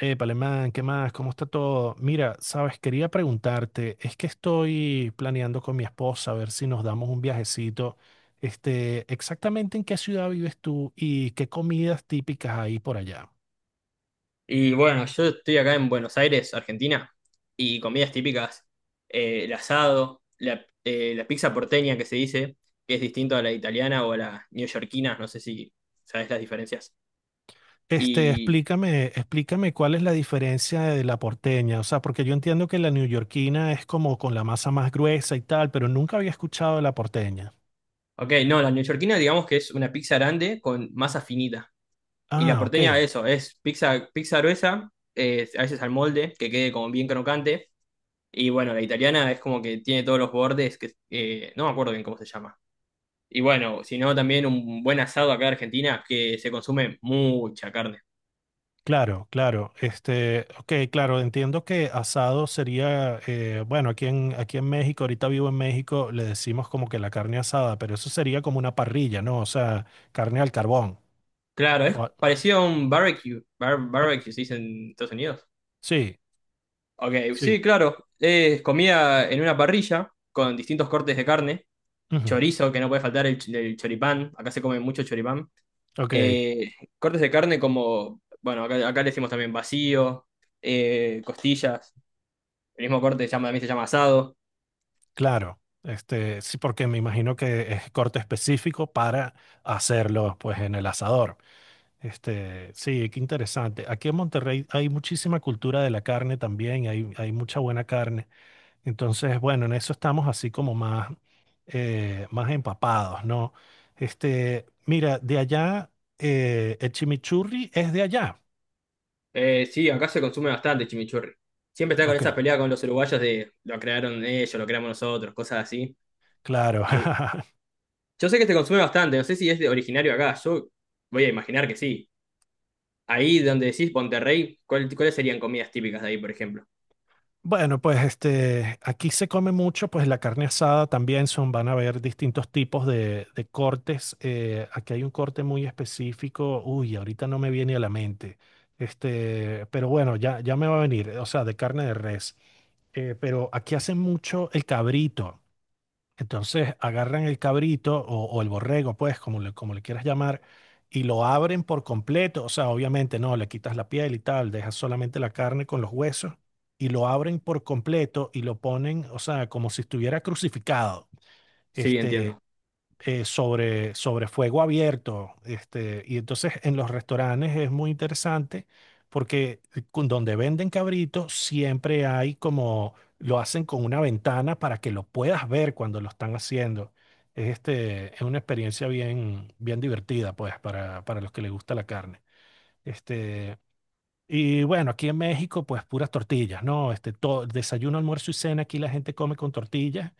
Palemán, ¿qué más? ¿Cómo está todo? Mira, sabes, quería preguntarte, es que estoy planeando con mi esposa a ver si nos damos un viajecito. Exactamente en qué ciudad vives tú y qué comidas típicas hay por allá. Y bueno, yo estoy acá en Buenos Aires, Argentina, y comidas típicas, el asado, la, la pizza porteña que se dice, que es distinto a la italiana o a la neoyorquina, no sé si sabes las diferencias. Y, Explícame cuál es la diferencia de la porteña, o sea, porque yo entiendo que la neoyorquina es como con la masa más gruesa y tal, pero nunca había escuchado de la porteña. ok, no, la neoyorquina digamos que es una pizza grande con masa finita. Y la Ah, porteña, ok. eso, es pizza gruesa, a veces al molde, que quede como bien crocante. Y bueno, la italiana es como que tiene todos los bordes, que no me acuerdo bien cómo se llama. Y bueno, si no, también un buen asado acá en Argentina, que se consume mucha carne. Claro, claro. Ok, claro, entiendo que asado sería, bueno, aquí en México, ahorita vivo en México, le decimos como que la carne asada, pero eso sería como una parrilla, ¿no? O sea, carne al carbón. Claro, es O- parecido a un barbecue. O- Barbecue se dice en Estados Unidos. sí, Ok, sí, sí. claro. Es comida en una parrilla con distintos cortes de carne. Ujú. Chorizo, que no puede faltar el choripán. Acá se come mucho choripán. Ok, Eh, cortes de carne como, bueno, acá le decimos también vacío, costillas. El mismo corte se llama, también se llama asado. claro. Sí, porque me imagino que es corte específico para hacerlo, pues, en el asador. Sí, qué interesante. Aquí en Monterrey hay muchísima cultura de la carne también, hay mucha buena carne. Entonces, bueno, en eso estamos así como más empapados, ¿no? Mira, de allá, el chimichurri es de allá. Sí, acá se consume bastante chimichurri. Siempre está con Ok, esa pelea con los uruguayos de lo crearon ellos, lo creamos nosotros, cosas así. claro. Y yo sé que se consume bastante, no sé si es de originario acá, yo voy a imaginar que sí. Ahí donde decís Monterrey, ¿cuáles serían comidas típicas de ahí, por ejemplo? Bueno, pues aquí se come mucho, pues la carne asada también son, van a haber distintos tipos de cortes. Aquí hay un corte muy específico. Uy, ahorita no me viene a la mente. Pero bueno, ya me va a venir, o sea, de carne de res. Pero aquí hacen mucho el cabrito. Entonces agarran el cabrito o el borrego, pues, como le quieras llamar, y lo abren por completo. O sea, obviamente no, le quitas la piel y tal, dejas solamente la carne con los huesos y lo abren por completo y lo ponen, o sea, como si estuviera crucificado. Sí, Este, entiendo. sobre fuego abierto. Y entonces en los restaurantes es muy interesante porque donde venden cabritos siempre hay como, lo hacen con una ventana para que lo puedas ver cuando lo están haciendo. Es una experiencia bien, bien divertida, pues, para los que les gusta la carne. Este, y bueno, aquí en México, pues puras tortillas, ¿no? Todo, desayuno, almuerzo y cena, aquí la gente come con tortillas.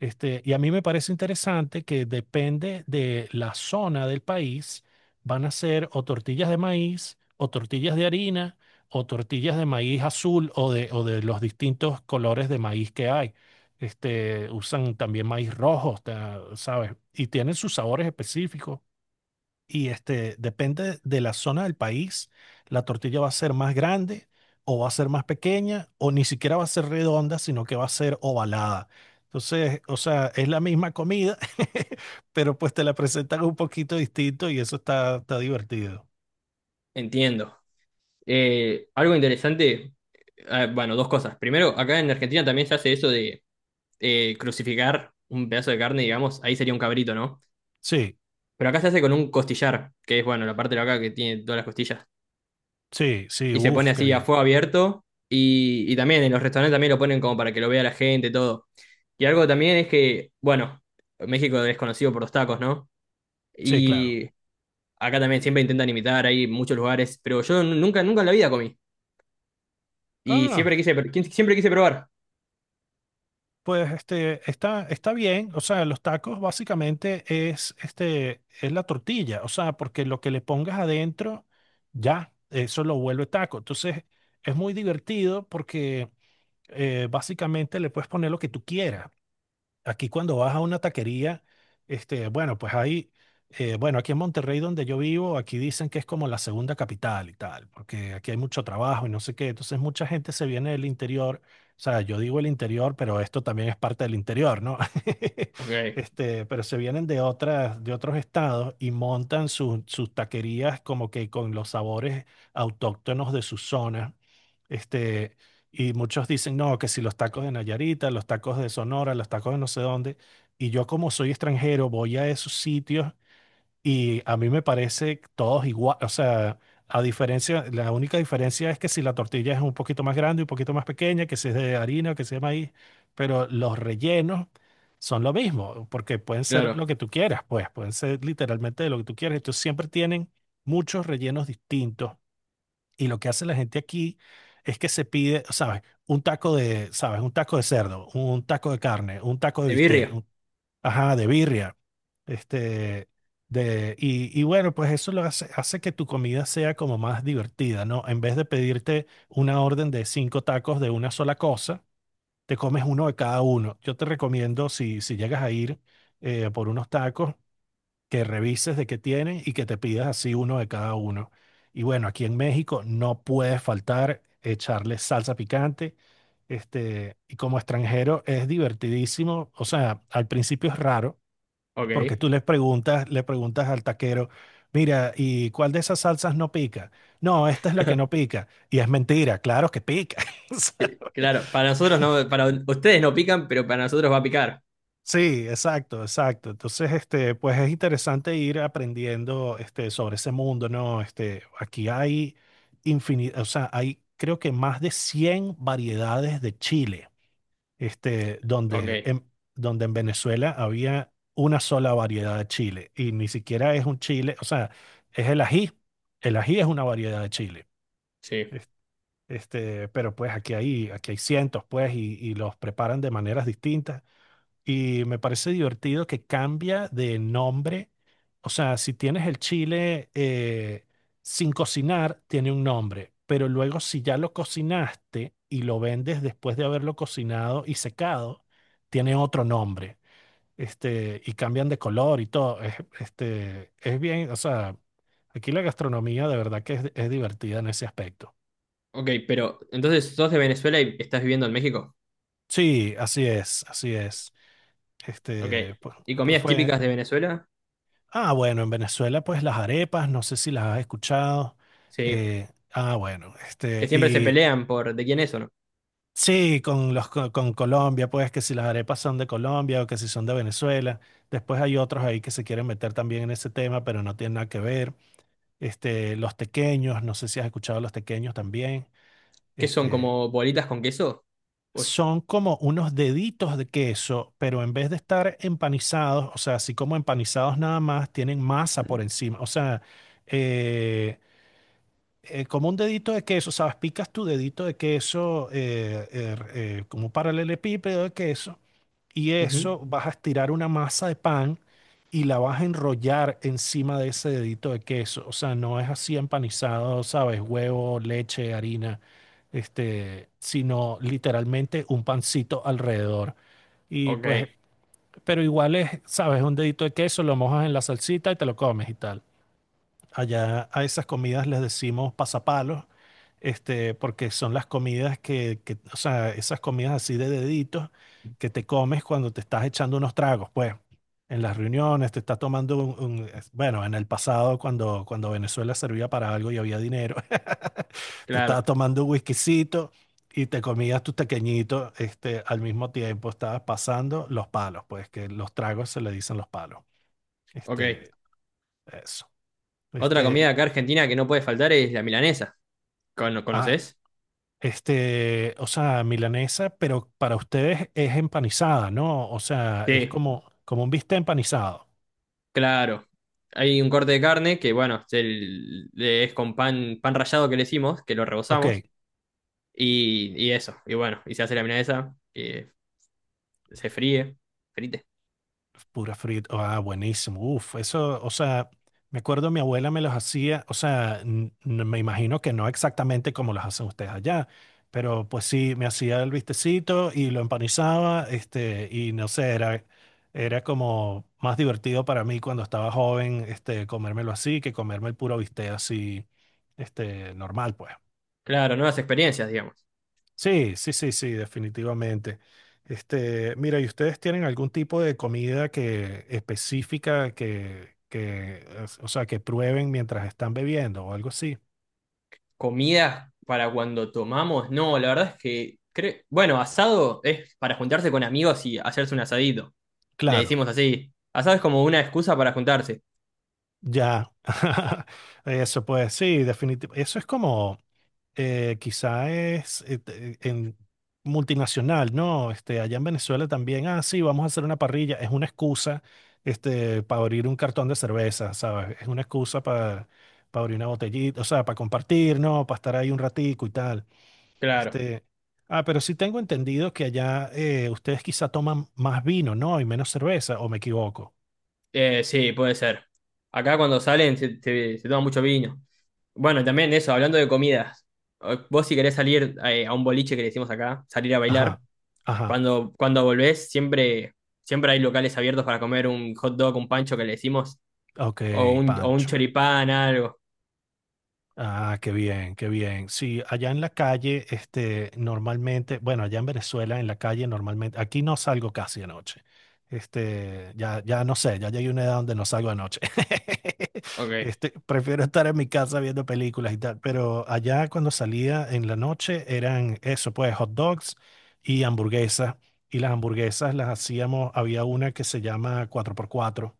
Y a mí me parece interesante que depende de la zona del país, van a ser o tortillas de maíz, o tortillas de harina, o tortillas de maíz azul, o de los distintos colores de maíz que hay. Usan también maíz rojo, ¿sabes? Y tienen sus sabores específicos y depende de la zona del país, la tortilla va a ser más grande o va a ser más pequeña o ni siquiera va a ser redonda, sino que va a ser ovalada. Entonces, o sea, es la misma comida, pero pues te la presentan un poquito distinto y eso está divertido. Entiendo. Algo interesante, bueno, dos cosas. Primero, acá en Argentina también se hace eso de crucificar un pedazo de carne, digamos, ahí sería un cabrito, ¿no? Sí, Pero acá se hace con un costillar, que es, bueno, la parte de acá que tiene todas las costillas. sí, sí, Y se pone uff, qué así a bien. fuego abierto. Y también en los restaurantes también lo ponen como para que lo vea la gente, todo. Y algo también es que, bueno, México es conocido por los tacos, ¿no? Sí, claro. Y acá también siempre intentan imitar, hay muchos lugares, pero yo nunca, nunca en la vida comí. Y Ah, siempre quise, siempre quise probar. pues está bien, o sea, los tacos básicamente es la tortilla, o sea, porque lo que le pongas adentro, ya, eso lo vuelve taco. Entonces, es muy divertido porque básicamente le puedes poner lo que tú quieras, aquí cuando vas a una taquería, bueno, pues hay, bueno, aquí en Monterrey donde yo vivo, aquí dicen que es como la segunda capital y tal, porque aquí hay mucho trabajo y no sé qué, entonces mucha gente se viene del interior, o sea, yo digo el interior, pero esto también es parte del interior, ¿no? Ok, Pero se vienen de otras, de otros estados y montan sus taquerías como que con los sabores autóctonos de su zona. Este, y muchos dicen, no, que si los tacos de Nayarita, los tacos de Sonora, los tacos de no sé dónde. Y yo como soy extranjero, voy a esos sitios y a mí me parece todos igual. O sea, a diferencia, la única diferencia es que si la tortilla es un poquito más grande, un poquito más pequeña, que si es de harina o que si es de maíz, pero los rellenos son lo mismo, porque pueden ser claro. lo que tú quieras, pues, pueden ser literalmente lo que tú quieras. Entonces siempre tienen muchos rellenos distintos y lo que hace la gente aquí es que se pide, ¿sabes? Un taco de, ¿sabes? Un taco de cerdo, un taco de carne, un taco de De birria. bistec, ajá, de birria, este, y bueno, pues eso lo hace, hace que tu comida sea como más divertida, ¿no? En vez de pedirte una orden de cinco tacos de una sola cosa, te comes uno de cada uno. Yo te recomiendo, si, si llegas a ir por unos tacos, que revises de qué tienes y que te pidas así uno de cada uno. Y bueno, aquí en México no puede faltar echarle salsa picante. Y como extranjero es divertidísimo. O sea, al principio es raro Ok. porque tú le preguntas al taquero, mira, ¿y cuál de esas salsas no pica? No, esta es la que no pica. Y es mentira, claro que pica. claro, para nosotros no, para ustedes no pican, pero para nosotros va a picar. Sí, exacto, exacto. Entonces, pues es interesante ir aprendiendo, sobre ese mundo, ¿no? Aquí hay infinidad, o sea, hay creo que más de 100 variedades de chile, Ok, donde en, donde en Venezuela había una sola variedad de chile y ni siquiera es un chile, o sea, es el ají. El ají es una variedad de chile. sí. Es- pero pues aquí hay cientos, pues, y los preparan de maneras distintas. Y me parece divertido que cambia de nombre. O sea, si tienes el chile sin cocinar, tiene un nombre. Pero luego, si ya lo cocinaste y lo vendes después de haberlo cocinado y secado, tiene otro nombre. Y cambian de color y todo. Es bien, o sea, aquí la gastronomía de verdad que es divertida en ese aspecto. Ok, pero entonces sos de Venezuela y estás viviendo en México. Sí, así es, así es. Ok. Este, pues ¿Y pues comidas fue. típicas de Venezuela? Ah, bueno, en Venezuela, pues las arepas, no sé si las has escuchado. Sí. Ah, bueno, Que siempre se y pelean por de quién es o no. sí, con los Colombia, pues que si las arepas son de Colombia o que si son de Venezuela. Después hay otros ahí que se quieren meter también en ese tema, pero no tienen nada que ver. Los tequeños, no sé si has escuchado los tequeños también. ¿Qué son Este, como bolitas con queso? Pues- Son como unos deditos de queso, pero en vez de estar empanizados, o sea, así como empanizados nada más, tienen masa por encima. O sea, eh, como un dedito de queso, ¿sabes? Picas tu dedito de queso como un paralelepípedo de queso y Ujú. eso vas a estirar una masa de pan y la vas a enrollar encima de ese dedito de queso. O sea, no es así empanizado, ¿sabes? Huevo, leche, harina, sino literalmente un pancito alrededor. Y Ok, pues, pero igual es, ¿sabes? Un dedito de queso, lo mojas en la salsita y te lo comes y tal. Allá a esas comidas les decimos pasapalos, porque son las comidas o sea, esas comidas así de deditos que te comes cuando te estás echando unos tragos, pues, en las reuniones, te estás tomando bueno, en el pasado cuando, cuando Venezuela servía para algo y había dinero, te estabas claro. tomando un whiskycito y te comías tus tequeñitos, al mismo tiempo estabas pasando los palos, pues, que los tragos se le dicen los palos, Ok. este, eso. Otra este. comida y- acá argentina que no puede faltar es la milanesa. Ah, ¿Conoces? O sea, milanesa, pero para ustedes es empanizada, ¿no? O sea, es Sí, como, como un bistec empanizado. claro. Hay un corte de carne que, bueno, es, es con pan, pan rallado que le hicimos, que lo Ok. rebozamos. Y eso. Y bueno, y se hace la milanesa, que se fríe. Frite. Pura frita. Ah, buenísimo. Uf, eso, o sea, me acuerdo mi abuela me los hacía, o sea, me imagino que no exactamente como los hacen ustedes allá, pero pues sí, me hacía el vistecito y lo empanizaba, y no sé, era como más divertido para mí cuando estaba joven, comérmelo así que comerme el puro bistec así, normal, pues. Claro, nuevas experiencias, digamos. Sí, sí, sí, sí, definitivamente. Mira, ¿y ustedes tienen algún tipo de comida que específica o sea, que prueben mientras están bebiendo o algo así? Comidas para cuando tomamos, no, la verdad es que, bueno, asado es para juntarse con amigos y hacerse un asadito. Le Claro, decimos así. Asado es como una excusa para juntarse. ya. Eso pues, sí, definitivamente. Eso es como, quizá es en multinacional, ¿no? Allá en Venezuela también, ah, sí, vamos a hacer una parrilla, es una excusa, para abrir un cartón de cerveza, ¿sabes? Es una excusa para abrir una botellita, o sea, para compartir, ¿no? Para estar ahí un ratico y tal. Claro. Este, ah, pero sí tengo entendido que allá ustedes quizá toman más vino, ¿no? Y menos cerveza, ¿o me equivoco? Sí, puede ser. Acá cuando salen se toma mucho vino. Bueno, también eso, hablando de comidas. Vos si querés salir a un boliche que le decimos acá, salir a Ajá, bailar, ajá, cuando, cuando volvés siempre, siempre hay locales abiertos para comer un hot dog, un pancho que le decimos, ok, o o un Pancho. choripán, algo. Ah, qué bien, qué bien. Sí, allá en la calle, normalmente, bueno, allá en Venezuela, en la calle normalmente, aquí no salgo casi de noche. Ya no sé, ya llegué a una edad donde no salgo de noche. Ok. Prefiero estar en mi casa viendo películas y tal, pero allá cuando salía en la noche eran eso, pues, hot dogs y hamburguesas. Y las hamburguesas las hacíamos, había una que se llama 4x4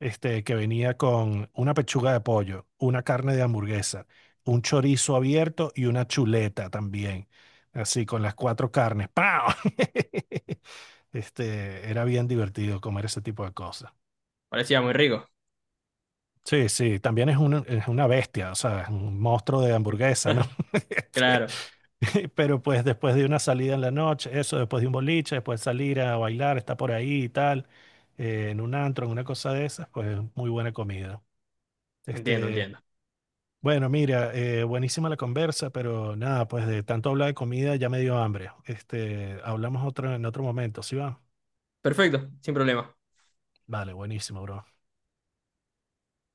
que venía con una pechuga de pollo, una carne de hamburguesa, un chorizo abierto y una chuleta también. Así, con las cuatro carnes. ¡Pau! Era bien divertido comer ese tipo de cosas. Parecía muy rico. Sí, sí, también es una bestia, o sea, es un monstruo de hamburguesa, ¿no? Este, Claro, pero pues después de una salida en la noche, eso, después de un boliche, después de salir a bailar, está por ahí y tal, en un antro, en una cosa de esas, pues muy buena comida. entiendo, Este, entiendo. Bueno, mira, buenísima la conversa, pero nada, pues de tanto hablar de comida ya me dio hambre. Hablamos otro en otro momento, ¿sí va? Perfecto, sin problema. Vale, buenísimo, bro.